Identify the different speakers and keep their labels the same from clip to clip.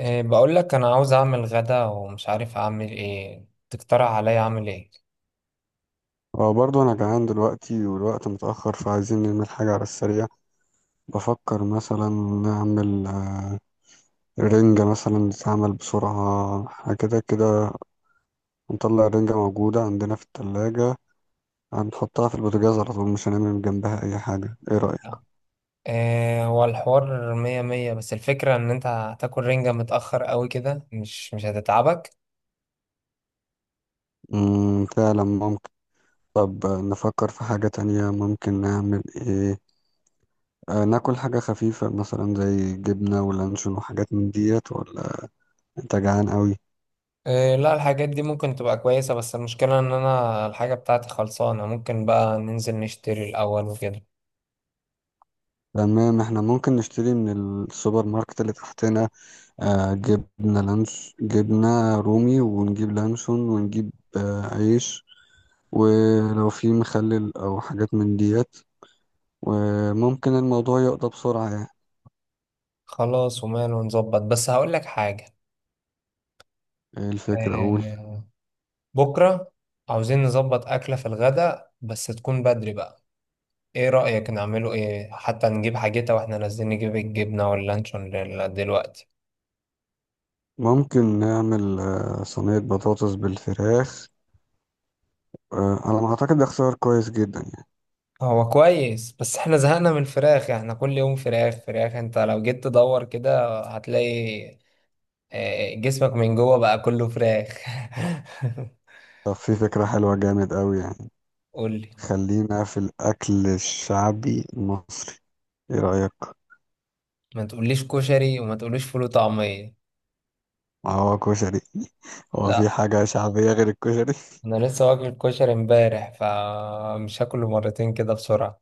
Speaker 1: إيه، بقول لك انا عاوز اعمل غدا ومش عارف اعمل ايه. تقترح عليا اعمل ايه؟
Speaker 2: اه، برضو انا جعان دلوقتي والوقت متأخر فعايزين نعمل حاجة على السريع. بفكر مثلا نعمل رنجة مثلا تتعمل بسرعة حاجة كده كده. نطلع الرنجة موجودة عندنا في التلاجة، هنحطها في البوتاجاز على طول، مش هنعمل جنبها أي حاجة. ايه رأيك؟
Speaker 1: إيه، هو الحوار مية مية، بس الفكرة ان انت هتاكل رنجة متأخر قوي كده مش هتتعبك.
Speaker 2: فعلا ممكن. طب نفكر في حاجة تانية. ممكن نعمل ايه؟ ناكل حاجة خفيفة مثلا زي جبنة ولانشون وحاجات من ديت، ولا انت جعان قوي؟
Speaker 1: إيه، لا الحاجات دي ممكن تبقى كويسة، بس المشكلة ان انا الحاجة بتاعتي خلصانة. ممكن بقى ننزل نشتري الاول وكده.
Speaker 2: تمام، احنا ممكن نشتري من السوبر ماركت اللي تحتنا. جبنة لانش، جبنة رومي، ونجيب لانشون، ونجيب عيش، ولو في مخلل او حاجات من ديت. وممكن الموضوع يقضى بسرعة يعني.
Speaker 1: خلاص وماله، نظبط. بس هقول لك حاجة.
Speaker 2: إيه الفكرة، اقول
Speaker 1: إيه. بكرة عاوزين نظبط أكلة في الغدا بس تكون بدري بقى. ايه رأيك نعمله ايه؟ حتى نجيب حاجتها واحنا نازلين نجيب الجبنة واللانشون دلوقتي.
Speaker 2: ممكن نعمل صينية بطاطس بالفراخ. على ما اعتقد ده اختيار كويس جدا يعني.
Speaker 1: هو كويس، بس احنا زهقنا من الفراخ. يعني احنا كل يوم فراخ فراخ. انت لو جيت تدور كده هتلاقي جسمك من جوه بقى كله فراخ.
Speaker 2: طب في فكرة حلوة جامد قوي يعني.
Speaker 1: قولي.
Speaker 2: خلينا في الاكل الشعبي المصري، ايه رأيك؟
Speaker 1: ما تقوليش كشري وما تقوليش فول وطعمية.
Speaker 2: ما هو كشري هو في
Speaker 1: لا،
Speaker 2: حاجة شعبية غير الكشري؟
Speaker 1: انا لسه واكل كشري امبارح، فمش هاكله مرتين كده بسرعة.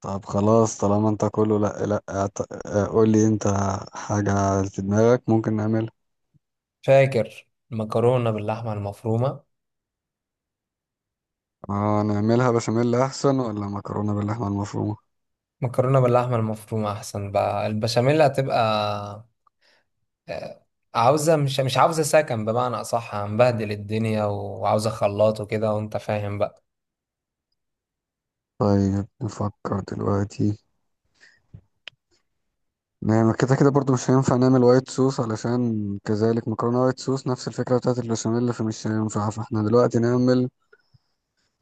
Speaker 2: طب خلاص، طالما انت كله لا لا قول لي انت حاجة في دماغك ممكن نعملها.
Speaker 1: فاكر المكرونة باللحمة المفرومة؟
Speaker 2: اه نعملها بشاميل احسن ولا مكرونة باللحمة المفرومة؟
Speaker 1: مكرونة باللحمة المفرومة أحسن، بقى البشاميل هتبقى آه، عاوزة مش عاوزة سكن، بمعنى أصح هنبهدل الدنيا، وعاوزة خلاط وكده، وأنت فاهم بقى.
Speaker 2: طيب نفكر دلوقتي، نعمل كده كده برضو مش هينفع، نعمل وايت صوص علشان كذلك مكرونة وايت صوص نفس الفكرة بتاعت البشاميل فمش هينفع، فاحنا دلوقتي نعمل.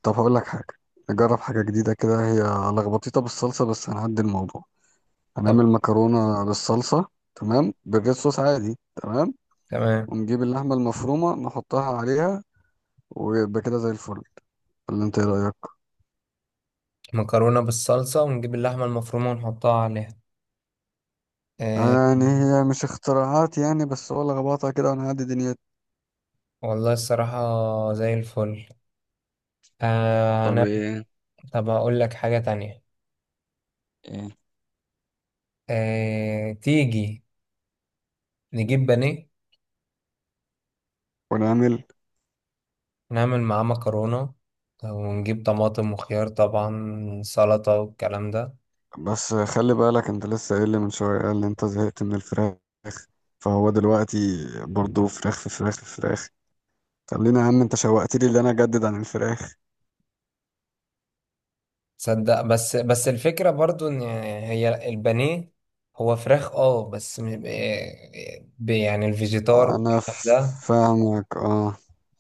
Speaker 2: طب هقول لك حاجة، نجرب حاجة جديدة كده. هي لخبطيطة بالصلصة بس هنعدي الموضوع.
Speaker 1: طب
Speaker 2: هنعمل مكرونة بالصلصة، تمام؟ بالريد صوص عادي، تمام.
Speaker 1: تمام،
Speaker 2: ونجيب اللحمة المفرومة نحطها عليها، ويبقى كده زي الفل. ولا انت ايه رأيك؟
Speaker 1: مكرونة بالصلصة ونجيب اللحمة المفرومة ونحطها عليها. آه
Speaker 2: يعني هي مش اختراعات يعني، بس هو اللي ربطها كده ونعدي دنيتنا.
Speaker 1: والله الصراحة زي الفل.
Speaker 2: طب
Speaker 1: أنا
Speaker 2: ايه،
Speaker 1: طب أقول لك حاجة تانية.
Speaker 2: ايه
Speaker 1: آه تيجي نجيب بانيه،
Speaker 2: ونعمل.
Speaker 1: نعمل معاه مكرونة، ونجيب طماطم وخيار طبعا سلطة والكلام ده.
Speaker 2: بس خلي بالك انت لسه قايل لي من شوية، قال لي انت زهقت من الفراخ، فهو دلوقتي برضو فراخ في فراخ في فراخ. خلينا يا عم، انت شوقت لي اللي انا اجدد عن الفراخ.
Speaker 1: تصدق، بس الفكرة برضو ان هي البانيه هو فراخ اه، بس يعني الفيجيتار
Speaker 2: انا
Speaker 1: والكلام ده.
Speaker 2: فاهمك، اه.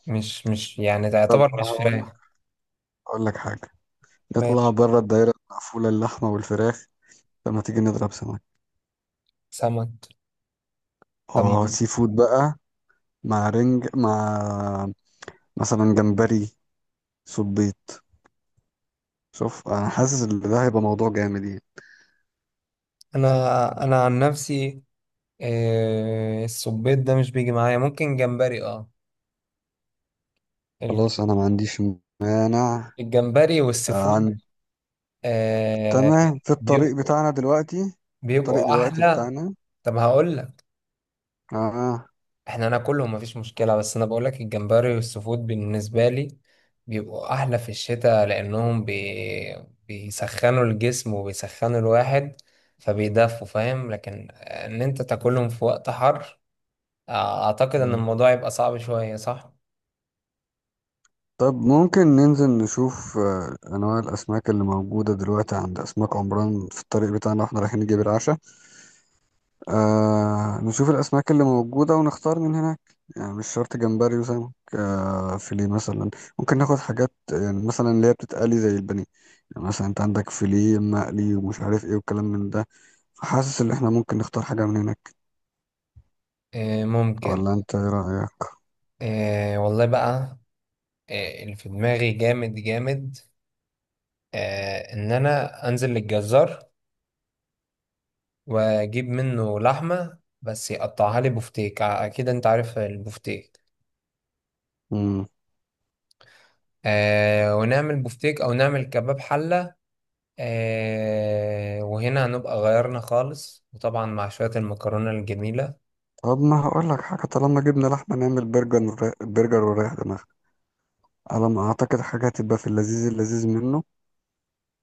Speaker 1: مش يعني ده
Speaker 2: طب
Speaker 1: يعتبر مش
Speaker 2: هقول
Speaker 1: فراخ.
Speaker 2: لك هقول لك حاجة، نطلع
Speaker 1: ماشي.
Speaker 2: بره الدايرة المقفولة، اللحمة والفراخ، لما تيجي نضرب سمك.
Speaker 1: سمك. طب.
Speaker 2: اه، سي فود بقى، مع رنج، مع مثلا جمبري، صبيط. شوف، انا حاسس ان ده هيبقى موضوع جامد يعني.
Speaker 1: انا عن نفسي، السبيط ده مش بيجي معايا، ممكن جمبري اه.
Speaker 2: خلاص،
Speaker 1: الج-
Speaker 2: انا ما عنديش مانع.
Speaker 1: الجمبري
Speaker 2: آه،
Speaker 1: والسفود
Speaker 2: عن...
Speaker 1: آه،
Speaker 2: تمام، في الطريق
Speaker 1: بيبقوا
Speaker 2: بتاعنا دلوقتي، في الطريق
Speaker 1: بيبقوا
Speaker 2: دلوقتي
Speaker 1: احلى.
Speaker 2: بتاعنا.
Speaker 1: طب هقول لك،
Speaker 2: اه.
Speaker 1: احنا ناكلهم مفيش مشكلة، بس انا بقولك الجمبري والسفود بالنسبة لي بيبقوا احلى في الشتاء، لانهم بيسخنوا الجسم وبيسخنوا الواحد فبيدفوا، فاهم. لكن ان انت تاكلهم في وقت حر اعتقد ان
Speaker 2: مم.
Speaker 1: الموضوع يبقى صعب شوية، صح؟
Speaker 2: طب ممكن ننزل نشوف انواع الاسماك اللي موجودة دلوقتي عند اسماك عمران في الطريق بتاعنا واحنا رايحين نجيب العشاء. نشوف الأسماك اللي موجودة ونختار من هناك. يعني مش شرط جمبري وسمك، فيليه مثلا. ممكن ناخد حاجات يعني مثلا اللي هي بتتقلي زي البانيه. يعني مثلا انت عندك فيليه مقلي ومش عارف ايه والكلام من ده. فحاسس ان احنا ممكن نختار حاجة من هناك.
Speaker 1: إيه ممكن.
Speaker 2: ولا انت ايه رأيك؟
Speaker 1: إيه والله بقى، إيه اللي في دماغي جامد جامد. إيه، ان انا انزل للجزار واجيب منه لحمة بس يقطعها لي بفتيك. اكيد انت عارف البفتيك.
Speaker 2: مم.
Speaker 1: آه ونعمل بفتيك او نعمل كباب حلة. آه وهنا هنبقى غيرنا خالص، وطبعا مع شوية المكرونة الجميلة.
Speaker 2: طب ما هقول لك حاجة، طالما جبنا لحمة نعمل برجر. برجر وريح دماغك. على ما أعتقد حاجة هتبقى في اللذيذ اللذيذ منه،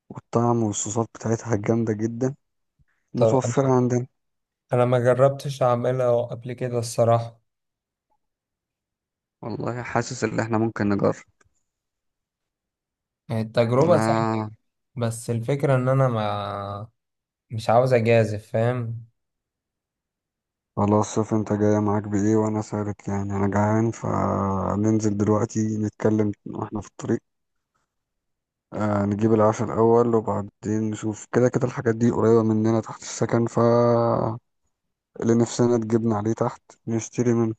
Speaker 2: والطعم والصوصات بتاعتها جامدة جدا،
Speaker 1: طب
Speaker 2: متوفرة عندنا.
Speaker 1: انا ما جربتش اعملها قبل كده الصراحة.
Speaker 2: والله حاسس ان احنا ممكن نجرب.
Speaker 1: التجربة سهلة،
Speaker 2: آه.
Speaker 1: بس الفكرة ان انا ما مش عاوز اجازف، فاهم.
Speaker 2: خلاص، شوف انت جاية معاك بإيه وأنا سارت يعني، أنا جعان، فننزل دلوقتي نتكلم واحنا في الطريق. نجيب العشاء الأول وبعدين نشوف. كده كده الحاجات دي قريبة مننا تحت السكن، ف اللي نفسنا تجيبنا عليه تحت نشتري منه.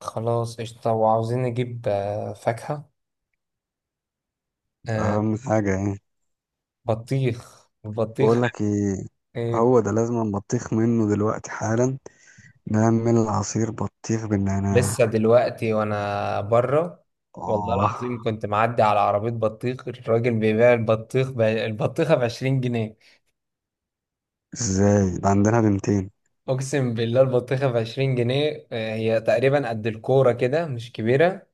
Speaker 1: خلاص قشطة. وعاوزين نجيب فاكهة. آه
Speaker 2: أهم حاجة يعني.
Speaker 1: بطيخ، البطيخ.
Speaker 2: بقولك ايه،
Speaker 1: ايه؟
Speaker 2: هو ده لازم بطيخ منه دلوقتي حالا. نعمل عصير بطيخ بالنعناع.
Speaker 1: لسه دلوقتي وانا بره. والله
Speaker 2: اه.
Speaker 1: العظيم كنت معدي على عربية بطيخ، الراجل بيبيع البطيخ البطيخة ب20 جنيه.
Speaker 2: ازاي ده عندنا بنتين!
Speaker 1: اقسم بالله البطيخة ب20 جنيه، هي تقريبا قد الكورة كده، مش كبيرة.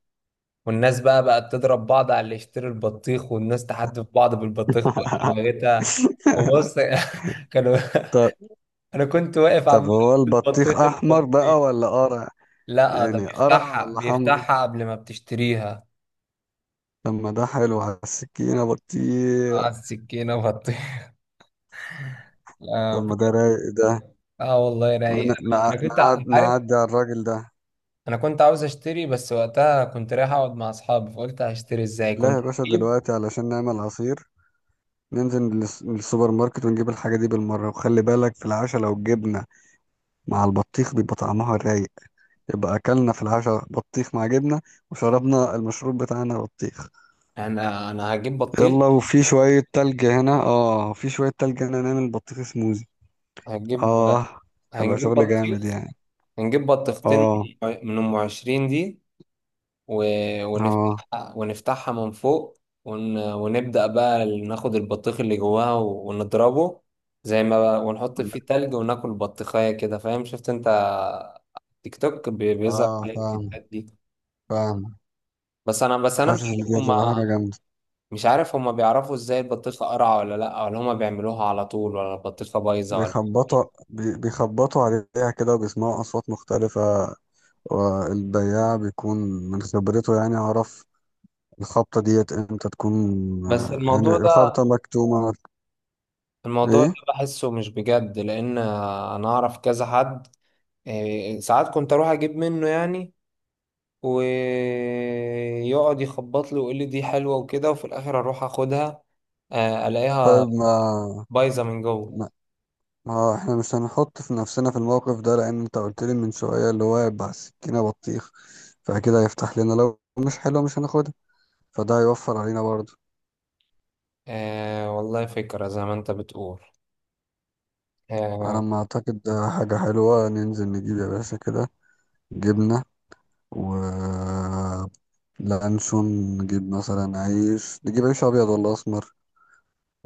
Speaker 1: والناس بقى بقت تضرب بعض على اللي يشتري البطيخ، والناس تحدف بعض بالبطيخ وتوهتها. وبص كانوا.
Speaker 2: طب
Speaker 1: انا كنت واقف
Speaker 2: طب
Speaker 1: عمال
Speaker 2: هو
Speaker 1: أكل
Speaker 2: البطيخ
Speaker 1: البطيخ
Speaker 2: احمر
Speaker 1: البطيخ.
Speaker 2: بقى ولا قرع؟
Speaker 1: لا ده
Speaker 2: يعني قرع
Speaker 1: بيفتحها
Speaker 2: ولا حمرا؟
Speaker 1: بيفتحها قبل ما بتشتريها.
Speaker 2: طب ما ده حلو على السكينة بطيخ.
Speaker 1: اه، السكينة بطيخ.
Speaker 2: طب
Speaker 1: آه،
Speaker 2: ما ده رايق ده.
Speaker 1: اه والله رايق.
Speaker 2: ون-
Speaker 1: انا
Speaker 2: نع-
Speaker 1: كنت انت عارف.
Speaker 2: نعدي على الراجل ده.
Speaker 1: انا كنت عاوز اشتري، بس وقتها كنت رايح اقعد مع اصحابي فقلت هشتري ازاي.
Speaker 2: لا
Speaker 1: كنت
Speaker 2: يا باشا،
Speaker 1: هجيب.
Speaker 2: دلوقتي علشان نعمل عصير ننزل للسوبر ماركت ونجيب الحاجة دي بالمرة. وخلي بالك في العشاء، لو الجبنة مع البطيخ بيبقى طعمها رايق. يبقى أكلنا في العشاء بطيخ مع جبنة، وشربنا المشروب بتاعنا بطيخ.
Speaker 1: انا هجيب بطيخ.
Speaker 2: يلا. وفي شوية تلج هنا نعمل بطيخ سموزي.
Speaker 1: هجيب
Speaker 2: اه. هيبقى
Speaker 1: هنجيب
Speaker 2: شغل
Speaker 1: بطيخ.
Speaker 2: جامد يعني.
Speaker 1: هنجيب بطيختين
Speaker 2: اه،
Speaker 1: من ام 20 دي. و...
Speaker 2: اه،
Speaker 1: ونفتحها من فوق. ونبدأ بقى ناخد البطيخ اللي جواها ونضربه. زي ما بقى، ونحط فيه
Speaker 2: عندك-
Speaker 1: تلج وناكل بطيخية كده، فاهم. شفت انت تيك توك، بيظهر
Speaker 2: اه
Speaker 1: عليك
Speaker 2: فاهم،
Speaker 1: الفيديوهات دي.
Speaker 2: فاهم.
Speaker 1: بس انا مش
Speaker 2: حاسس ان
Speaker 1: عارف
Speaker 2: دي
Speaker 1: هما
Speaker 2: هتبقى حاجة جامدة.
Speaker 1: مش عارف هما بيعرفوا ازاي البطيخه قرعه ولا لا، ولا هما بيعملوها على طول، ولا البطيخه بايظه ولا. إيه.
Speaker 2: بيخبطوا بيخبطوا عليها كده وبيسمعوا أصوات مختلفة. والبياع بيكون من خبرته يعني عرف الخبطة ديت امتى تكون.
Speaker 1: بس
Speaker 2: يعني
Speaker 1: الموضوع ده
Speaker 2: الخبطة مكتومة.
Speaker 1: الموضوع ده
Speaker 2: ايه.
Speaker 1: بحسه مش بجد، لان انا اعرف كذا حد. إيه، ساعات كنت اروح اجيب منه يعني، ويقعد يخبط لي ويقول لي دي حلوه وكده، وفي الاخر اروح اخدها الاقيها
Speaker 2: طيب،
Speaker 1: بايظه من جوه.
Speaker 2: ما ما هو احنا مش هنحط في نفسنا في الموقف ده، لان انت قلت لي من شوية اللي هو هيبقى السكينة بطيخ، فكده هيفتح لنا، لو مش حلوة مش هناخدها، فده هيوفر علينا برضه.
Speaker 1: والله فكره زي ما انت بتقول.
Speaker 2: انا
Speaker 1: آه.
Speaker 2: ما اعتقد ده حاجة حلوة. ننزل نجيب يا باشا كده جبنة و لانشون. نجيب مثلا عيش، نجيب عيش ابيض ولا اسمر؟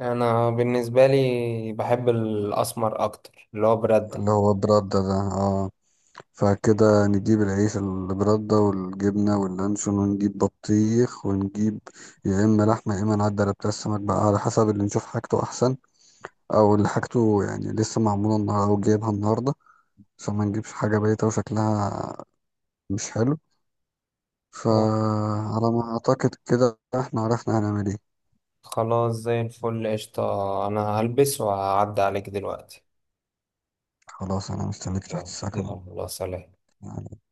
Speaker 1: انا بالنسبه لي بحب الاسمر اكتر، اللي هو براد ده.
Speaker 2: اللي هو برده ده، اه. فكده نجيب العيش البردة والجبنة واللانشون، ونجيب بطيخ، ونجيب يا إما لحمة يا إما نعدي على بتاع السمك بقى، على حسب اللي نشوف حاجته أحسن، أو اللي حاجته يعني لسه معمولة النهاردة أو جايبها النهاردة، عشان ما نجيبش حاجة بايتة وشكلها مش حلو.
Speaker 1: أوه.
Speaker 2: فعلى ما أعتقد كده إحنا عرفنا هنعمل إيه.
Speaker 1: خلاص زي الفل قشطه. انا هلبس وهعدي عليك دلوقتي.
Speaker 2: خلاص، أنا مستنيك تحت
Speaker 1: يلا
Speaker 2: السكن أهو،
Speaker 1: يلا، سلام.
Speaker 2: يعني.